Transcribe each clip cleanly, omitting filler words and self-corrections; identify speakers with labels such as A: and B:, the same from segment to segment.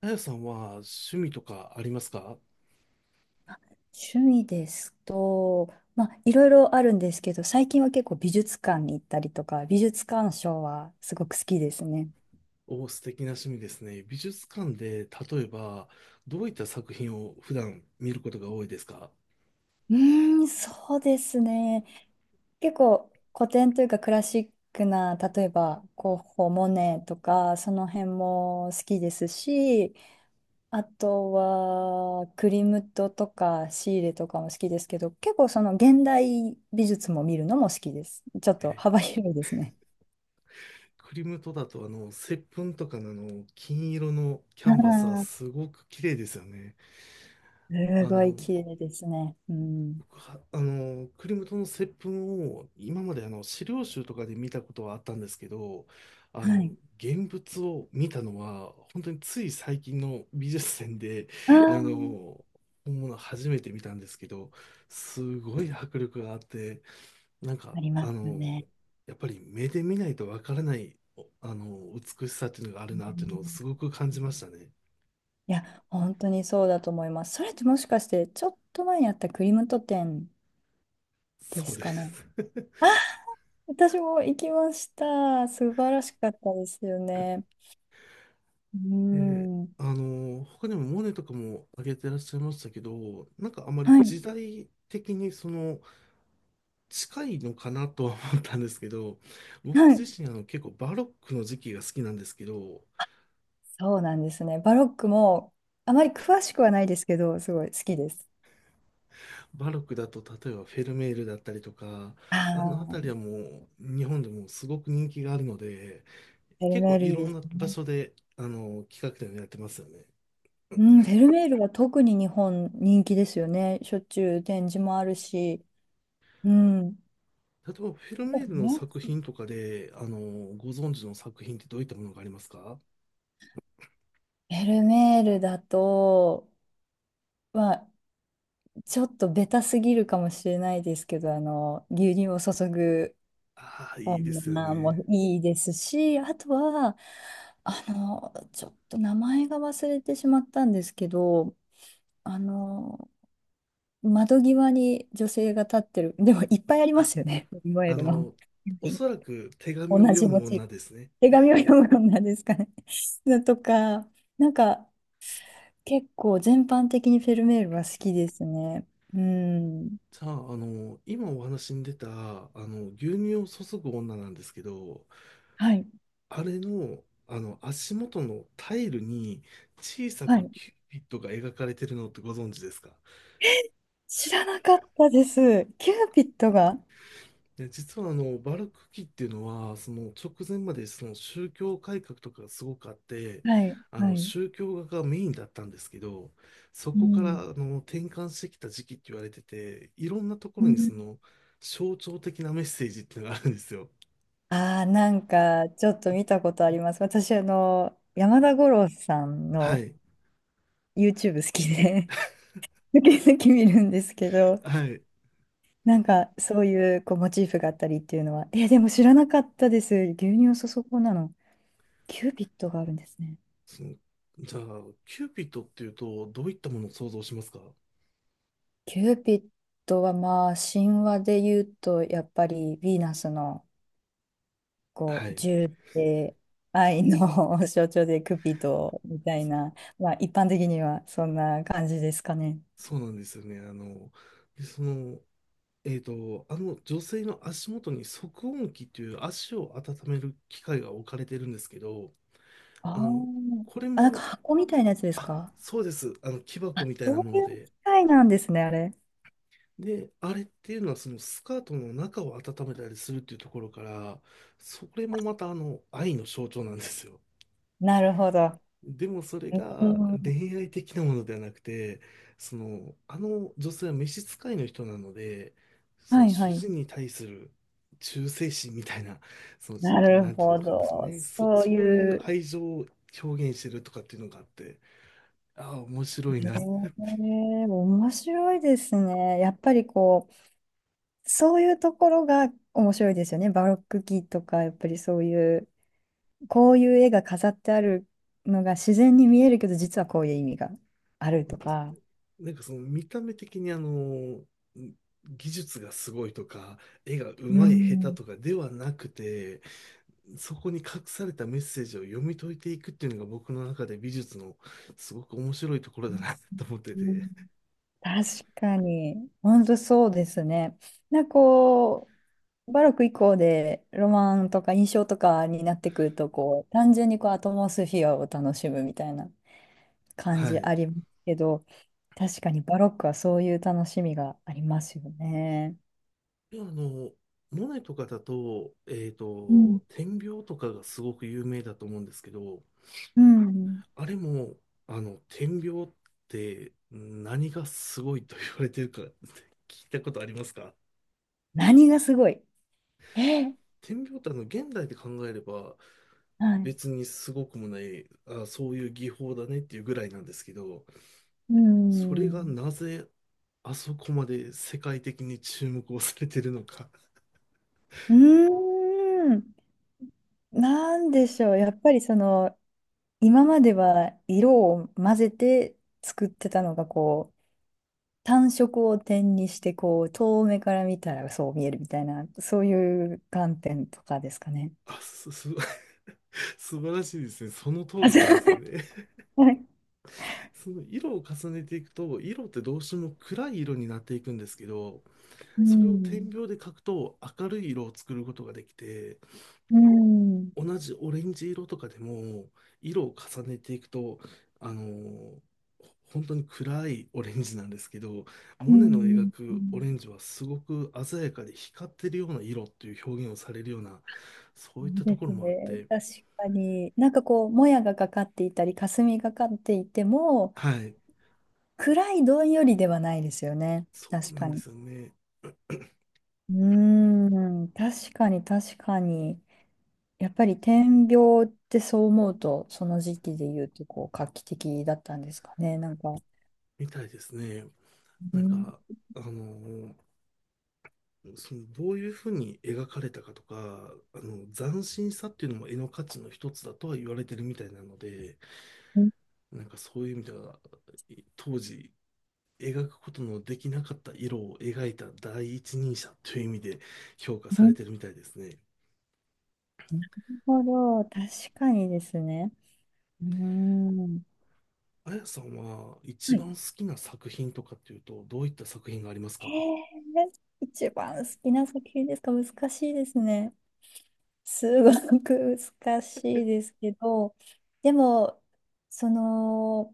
A: あやさんは趣味とかありますか？
B: 趣味ですと、まあ、いろいろあるんですけど、最近は結構美術館に行ったりとか、美術鑑賞はすごく好きですね。
A: お、素敵な趣味ですね。美術館で、例えば、どういった作品を普段見ることが多いですか？
B: そうですね。結構古典というかクラシックな、例えばゴッホ、モネとか、その辺も好きですし、あとはクリムトとかシーレとかも好きですけど、結構その現代美術も見るのも好きです。ちょっと幅
A: え。
B: 広いですね。
A: クリムトだと、接吻とかの金色のキャンバスはすごく綺麗ですよね。
B: す
A: あ
B: ごい
A: の、
B: 綺麗ですね。うん。
A: 僕は、クリムトの接吻を今まで資料集とかで見たことはあったんですけど、あ
B: は
A: の、
B: い。
A: 現物を見たのは、本当につい最近の美術展で、
B: あ
A: あ
B: あ、
A: の、本物初めて見たんですけど、すごい迫力があって、なんか、
B: ありますよね。
A: やっぱり目で見ないとわからない、おあの、美しさっていうのがあ
B: う
A: るなっていうのを
B: ん。
A: すごく感じましたね。
B: いや、本当にそうだと思います。それってもしかして、ちょっと前にあったクリムト店で
A: そう
B: す
A: で
B: かね。
A: す。
B: 私も行きました。素晴らしかったですよね。う
A: で、
B: ん。は
A: 他にもモネとかも挙げてらっしゃいましたけど、なんかあまり
B: い。
A: 時代的に近いのかなとは思ったんですけど、僕
B: は
A: 自
B: い。
A: 身結構バロックの時期が好きなんですけど、
B: そうなんですね。バロックも、あまり詳しくはないですけど、すごい好きです。
A: バロックだと例えばフェルメールだったりとか、
B: あ
A: あの辺り
B: あ、
A: はもう日本でもすごく人気があるので、
B: フェル
A: 結
B: メ
A: 構
B: ール
A: い
B: いい
A: ろ
B: で
A: ん
B: す
A: な場
B: ね。
A: 所で企画展をやってますよね。
B: うん、フェルメールは特に日本人気ですよね。しょっちゅう展示もあるし。うん。
A: 例えばフェル
B: だか
A: メールの
B: ら
A: 作
B: ね、
A: 品とかで、ご存知の作品ってどういったものがありますか？
B: フェルメールだと、まあ、ちょっとベタすぎるかもしれないですけど、牛乳を注ぐ
A: ああ、いいですよ
B: 女も
A: ね。
B: いいですし、あとは、ちょっと名前が忘れてしまったんですけど、あの、窓際に女性が立ってる、でもいっぱいありま
A: あ、
B: すよね、フェルメー
A: あ
B: ルの。
A: の、おそらく手紙
B: 同
A: を読
B: じモ
A: む
B: チー
A: 女
B: フ。
A: ですね。
B: 手紙を読む女ですかね。のとか、なんか結構全般的にフェルメールは好きですね。うん。
A: じゃあ、今お話に出た、牛乳を注ぐ女なんですけど、
B: はい、
A: あれの、足元のタイルに小さ
B: は
A: く
B: い、
A: キューピッドが描かれてるのってご存知ですか？
B: 知らなかったです。キューピッドが。
A: で、実はバルク期っていうのは、その直前までその宗教改革とかがすごくあって、
B: はい、はい。
A: 宗教画がメインだったんですけど、そ
B: う
A: こから
B: ん、
A: 転換してきた時期って言われてて、いろんなとこ
B: う
A: ろに
B: ん、
A: 象徴的なメッセージっていうのがあるんですよ。
B: ああー、なんかちょっと見たことあります。私、山田五郎さん
A: は
B: の
A: い。
B: YouTube 好きで、抜き抜き見るんですけど、
A: はい。
B: なんかそういうこうモチーフがあったりっていうのは、え、でも知らなかったです。牛乳そそこなの。キューピッドがあるんですね。
A: その、じゃあ、キューピッドっていうと、どういったものを想像しますか？
B: キューピッドはまあ神話で言うと、やっぱりヴィーナスのこ
A: は
B: う
A: い。
B: 銃で愛の 象徴でクピドみたい
A: そ
B: な、まあ一般的にはそんな感じですかね。
A: そうなんですよね。で、あの女性の足元に足温器という足を温める機械が置かれてるんですけど、
B: あ
A: あの、
B: あ、
A: これ
B: あ、なんか
A: も、
B: 箱みたいなやつです
A: あ、
B: か。
A: そうです。木箱みたい
B: そ
A: なも
B: う
A: の
B: いう機
A: で。
B: 械なんですね、あれ。
A: で、あれっていうのはそのスカートの中を温めたりするっていうところから、それもまたあの愛の象徴なんですよ。
B: なるほど。
A: でもそれ
B: う
A: が
B: ん。
A: 恋愛的なものではなくて、あの女性は召使いの人なので、そ
B: は
A: の
B: いは
A: 主
B: い。
A: 人に対する忠誠心みたいな、その、
B: なる
A: なんていうん
B: ほ
A: ですか
B: ど。
A: ね、
B: そう
A: そうい
B: い
A: う
B: う、
A: 愛情を表現してるとかっていうのがあって、ああ、面白い
B: へ
A: な。
B: え、面白いですね。やっぱりこう、そういうところが面白いですよね。バロック期とか、やっぱりそういう、こういう絵が飾ってあるのが自然に見えるけど、実はこういう意味があるとか。
A: なんかその見た目的に技術がすごいとか、絵が
B: う
A: 上手い下手
B: ん。
A: とかではなくて、そこに隠されたメッセージを読み解いていくっていうのが僕の中で美術のすごく面白いところだなと思ってて、
B: 確かに、本当そうですね。なんかこう、バロック以降でロマンとか印象とかになってくると、こう、単純にこうアトモスフィアを楽しむみたいな感
A: は
B: じ
A: い。
B: ありますけど、確かにバロックはそういう楽しみがありますよね。
A: でモネとかだと、
B: うん。
A: 点描とかがすごく有名だと思うんですけど、
B: うん。
A: あれも、点描って何がすごいと言われてるか聞いたことありますか？
B: 何がすごい、え、
A: 点描って現代で考えれば、
B: はい。
A: 別にすごくもない、あ、そういう技法だねっていうぐらいなんですけど、
B: う
A: それが
B: ん。
A: なぜあそこまで世界的に注目をされてるのか。
B: うーん。なんでしょう。やっぱりその、今までは色を混ぜて作ってたのがこう単色を点にしてこう遠目から見たらそう見えるみたいなそういう観点とかですかね。
A: あ、素晴らしいですね。その通
B: あ、
A: り
B: そ
A: なんで
B: う。
A: すよね。
B: はい。
A: その色を重ねていくと、色ってどうしても暗い色になっていくんですけど、
B: う
A: それを点
B: ん。
A: 描で描くと明るい色を作ることができて、
B: うん。
A: 同じオレンジ色とかでも色を重ねていくと、あのー本当に暗いオレンジなんですけど、
B: う
A: モネの描
B: ん。う
A: くオレ
B: ん、
A: ンジはすごく鮮やかで光ってるような色っていう表現をされるような、そ
B: そ
A: ういっ
B: う
A: たと
B: で
A: ころ
B: す
A: もあっ
B: ね。
A: て、
B: 確かに。なんかこう、もやがかかっていたり、霞がかっていても、
A: はい。
B: 暗いどんよりではないですよね。
A: そう
B: 確
A: な
B: か
A: んで
B: に。
A: すよね。
B: うー確かに、確かに。やっぱり点描ってそう思うと、その時期で言うとこう画期的だったんですかね。なんか、
A: みたいですね。
B: う
A: なん
B: ん、
A: かあのーどういうふうに描かれたかとか、あの斬新さっていうのも絵の価値の一つだとは言われてるみたいなので。
B: うん、
A: なんかそういう意味では、当時、描くことのできなかった色を描いた第一人者という意味で評価
B: う
A: され
B: ん、
A: てるみたいですね。
B: なるほど、確かにですね。うーん。
A: あやさんは一
B: はい。
A: 番好きな作品とかっていうと、どういった作品がありますか？
B: え一番好きな作品ですか、難しいですね。すごく難しいですけど、でも、その、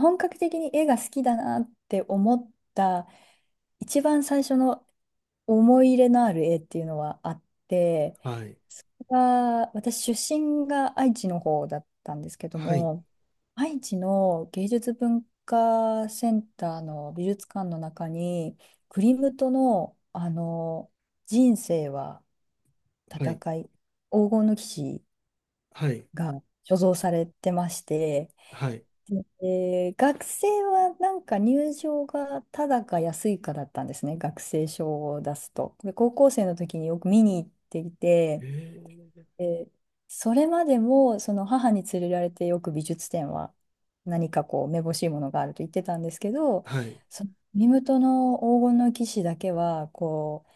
B: 本格的に絵が好きだなって思った一番最初の思い入れのある絵っていうのはあって、
A: はい。
B: それが私出身が愛知の方だったんですけど
A: はい。
B: も、愛知の芸術文化センターの美術館の中に、クリムトの、あの人生は
A: は
B: 戦
A: い。
B: い、黄金の騎士
A: はい。
B: が所蔵されてまして、
A: はい。
B: 学生はなんか入場がただか安いかだったんですね、学生証を出すと。で、高校生の時によく見に行っていて、
A: え
B: え、それまでもその母に連れられてよく美術展は何かこうめぼしいものがあると言ってたんですけど、
A: はい。
B: そのミムトの黄金の騎士だけはこ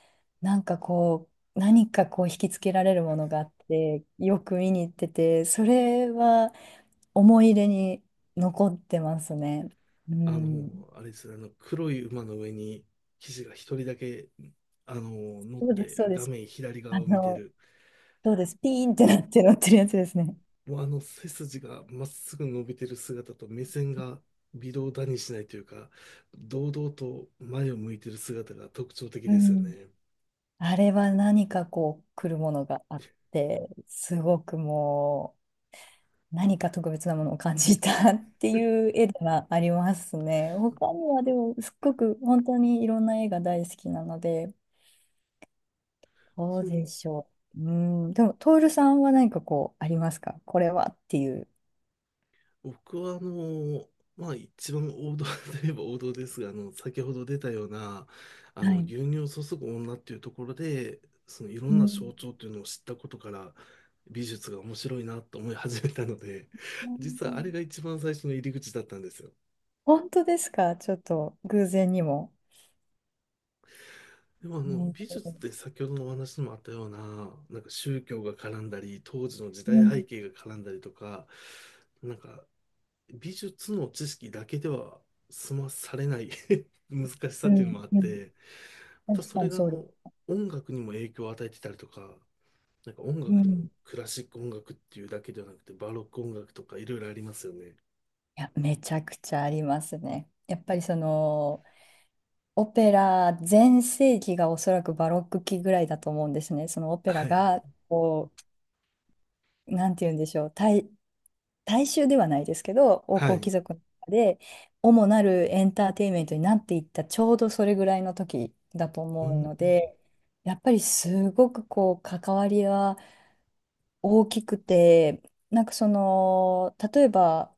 B: うなんかこう何かこう引きつけられるものがあってよく見に行ってて、それは思い入れに残ってますね。うん、
A: あれですね、黒い馬の上に騎士が一人だけ、あの、乗っ
B: そうですそう
A: て
B: で
A: 画
B: す。
A: 面左
B: あ
A: 側を見て
B: の
A: る。
B: そうです、ピーンってなって乗ってるやつですね。
A: もうあの背筋がまっすぐ伸びてる姿と目線が微動だにしないというか、堂々と前を向いてる姿が特徴的
B: う
A: ですよ
B: ん、
A: ね。
B: あれは何かこう来るものがあってすごくもう何か特別なものを感じた っていう絵ではありますね。他にはでもすっごく本当にいろんな絵が大好きなのでどう
A: そ
B: で
A: の、
B: しょう。うん、でもトールさんは何かこうありますか、これはっていう。
A: 僕はまあ一番王道 といえば王道ですが、先ほど出たような、
B: はい。
A: 牛乳を注ぐ女っていうところで、そのいろ
B: う
A: んな象
B: ん、
A: 徴というのを知ったことから、美術が面白いなと思い始めたので、
B: う
A: 実はあれ
B: ん、
A: が一番最初の入り口だったんですよ。
B: 本当ですか。ちょっと偶然にも。
A: でもあの美術っ
B: ね、
A: て先ほどのお話にもあったような、なんか宗教が絡んだり、当時の時
B: う
A: 代背
B: ん、
A: 景が絡んだりとか、なんか美術の知識だけでは済まされない 難しさ
B: う
A: っていう
B: ん、
A: のもあっ
B: うん、
A: て、また
B: 確
A: そ
B: か
A: れ
B: に
A: があ
B: そうです。
A: の音楽にも影響を与えてたりとか、なんか音
B: う
A: 楽にも
B: ん、
A: クラシック音楽っていうだけではなくて、バロック音楽とかいろいろありますよね。
B: いや、めちゃくちゃありますね。やっぱりそのオペラ全盛期がおそらくバロック期ぐらいだと思うんですね。そのオペラ
A: はい。
B: がこう、なんて言うんでしょう、大、大衆ではないですけど、王
A: は
B: 侯
A: い。
B: 貴族の中で主なるエンターテインメントになっていったちょうどそれぐらいの時だと
A: う
B: 思う
A: ん。
B: ので、やっぱりすごくこう関わりは大きくて、なんかその、例えば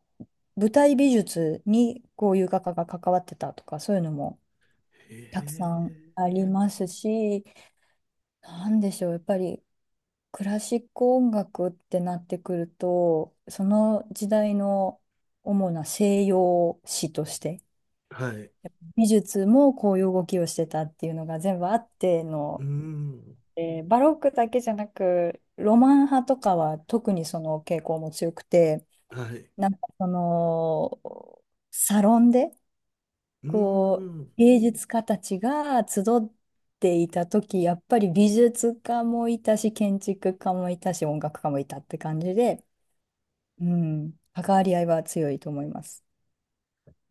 B: 舞台美術にこういう画家が関わってたとか、そういうのも
A: へ
B: たくさん
A: え。
B: ありますし、なんでしょう、やっぱりクラシック音楽ってなってくると、その時代の主な西洋史として、
A: はい。
B: 美術もこういう動きをしてたっていうのが全部あって
A: う
B: の、
A: ん。
B: バロックだけじゃなく、ロマン派とかは特にその傾向も強くて、
A: はい。
B: なんかその、サロンで、
A: う
B: こう、
A: ん。
B: 芸術家たちが集っていた時、やっぱり美術家もいたし、建築家もいたし、音楽家もいたって感じで、うん、関わり合いは強いと思います。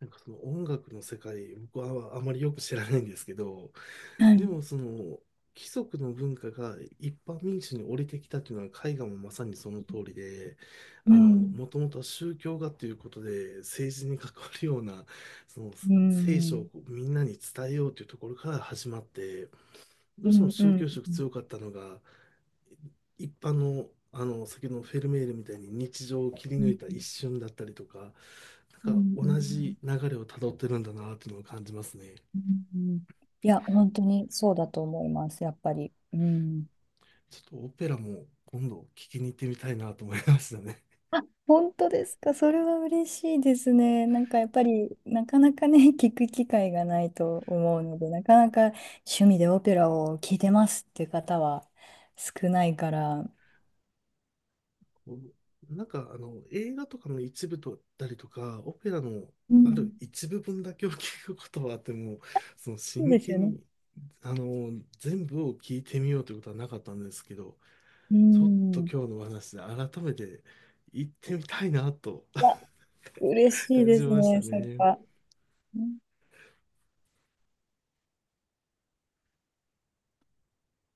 A: なんかその音楽の世界、僕はあまりよく知らないんですけど、
B: は
A: で
B: い。
A: もその貴族の文化が一般民主に降りてきたというのは絵画もまさにその通りで、
B: う
A: あの、
B: ん。
A: もともとは宗教画ということで政治に関わるような、その
B: う
A: 聖書を
B: ん。
A: みんなに伝えようというところから始まって、ど
B: う
A: うしても
B: ん。う
A: 宗教
B: ん。
A: 色強かったのが、一般の、先ほどのフェルメールみたいに日常を切り
B: う
A: 抜
B: ん。
A: いた
B: うん。
A: 一瞬だったりとか、
B: う
A: なんか
B: ん。
A: 同じ流れをたどってるんだなっていうのを感じますね。
B: うん、いや、本当にそうだと思います、やっぱり。うん。
A: ちょっとオペラも今度聞きに行ってみたいなと思いましたね。
B: あ、本当ですか。それは嬉しいですね。なんかやっぱり、なかなかね、聞く機会がないと思うので、なかなか趣味でオペラを聴いてますっていう方は少ないから、
A: こうなんかあの映画とかの一部だったりとか、オペラの
B: う
A: あ
B: ん、
A: る一部分だけを聞くことはあっても、
B: そう
A: 真
B: ですよ
A: 剣
B: ね。
A: にあの全部を聞いてみようということはなかったんですけど、
B: う
A: ちょっと
B: ん。
A: 今日のお話で改めて行ってみたいなと
B: あ、嬉 しい
A: 感
B: で
A: じ
B: す
A: ました
B: ね、それ
A: ね。
B: は。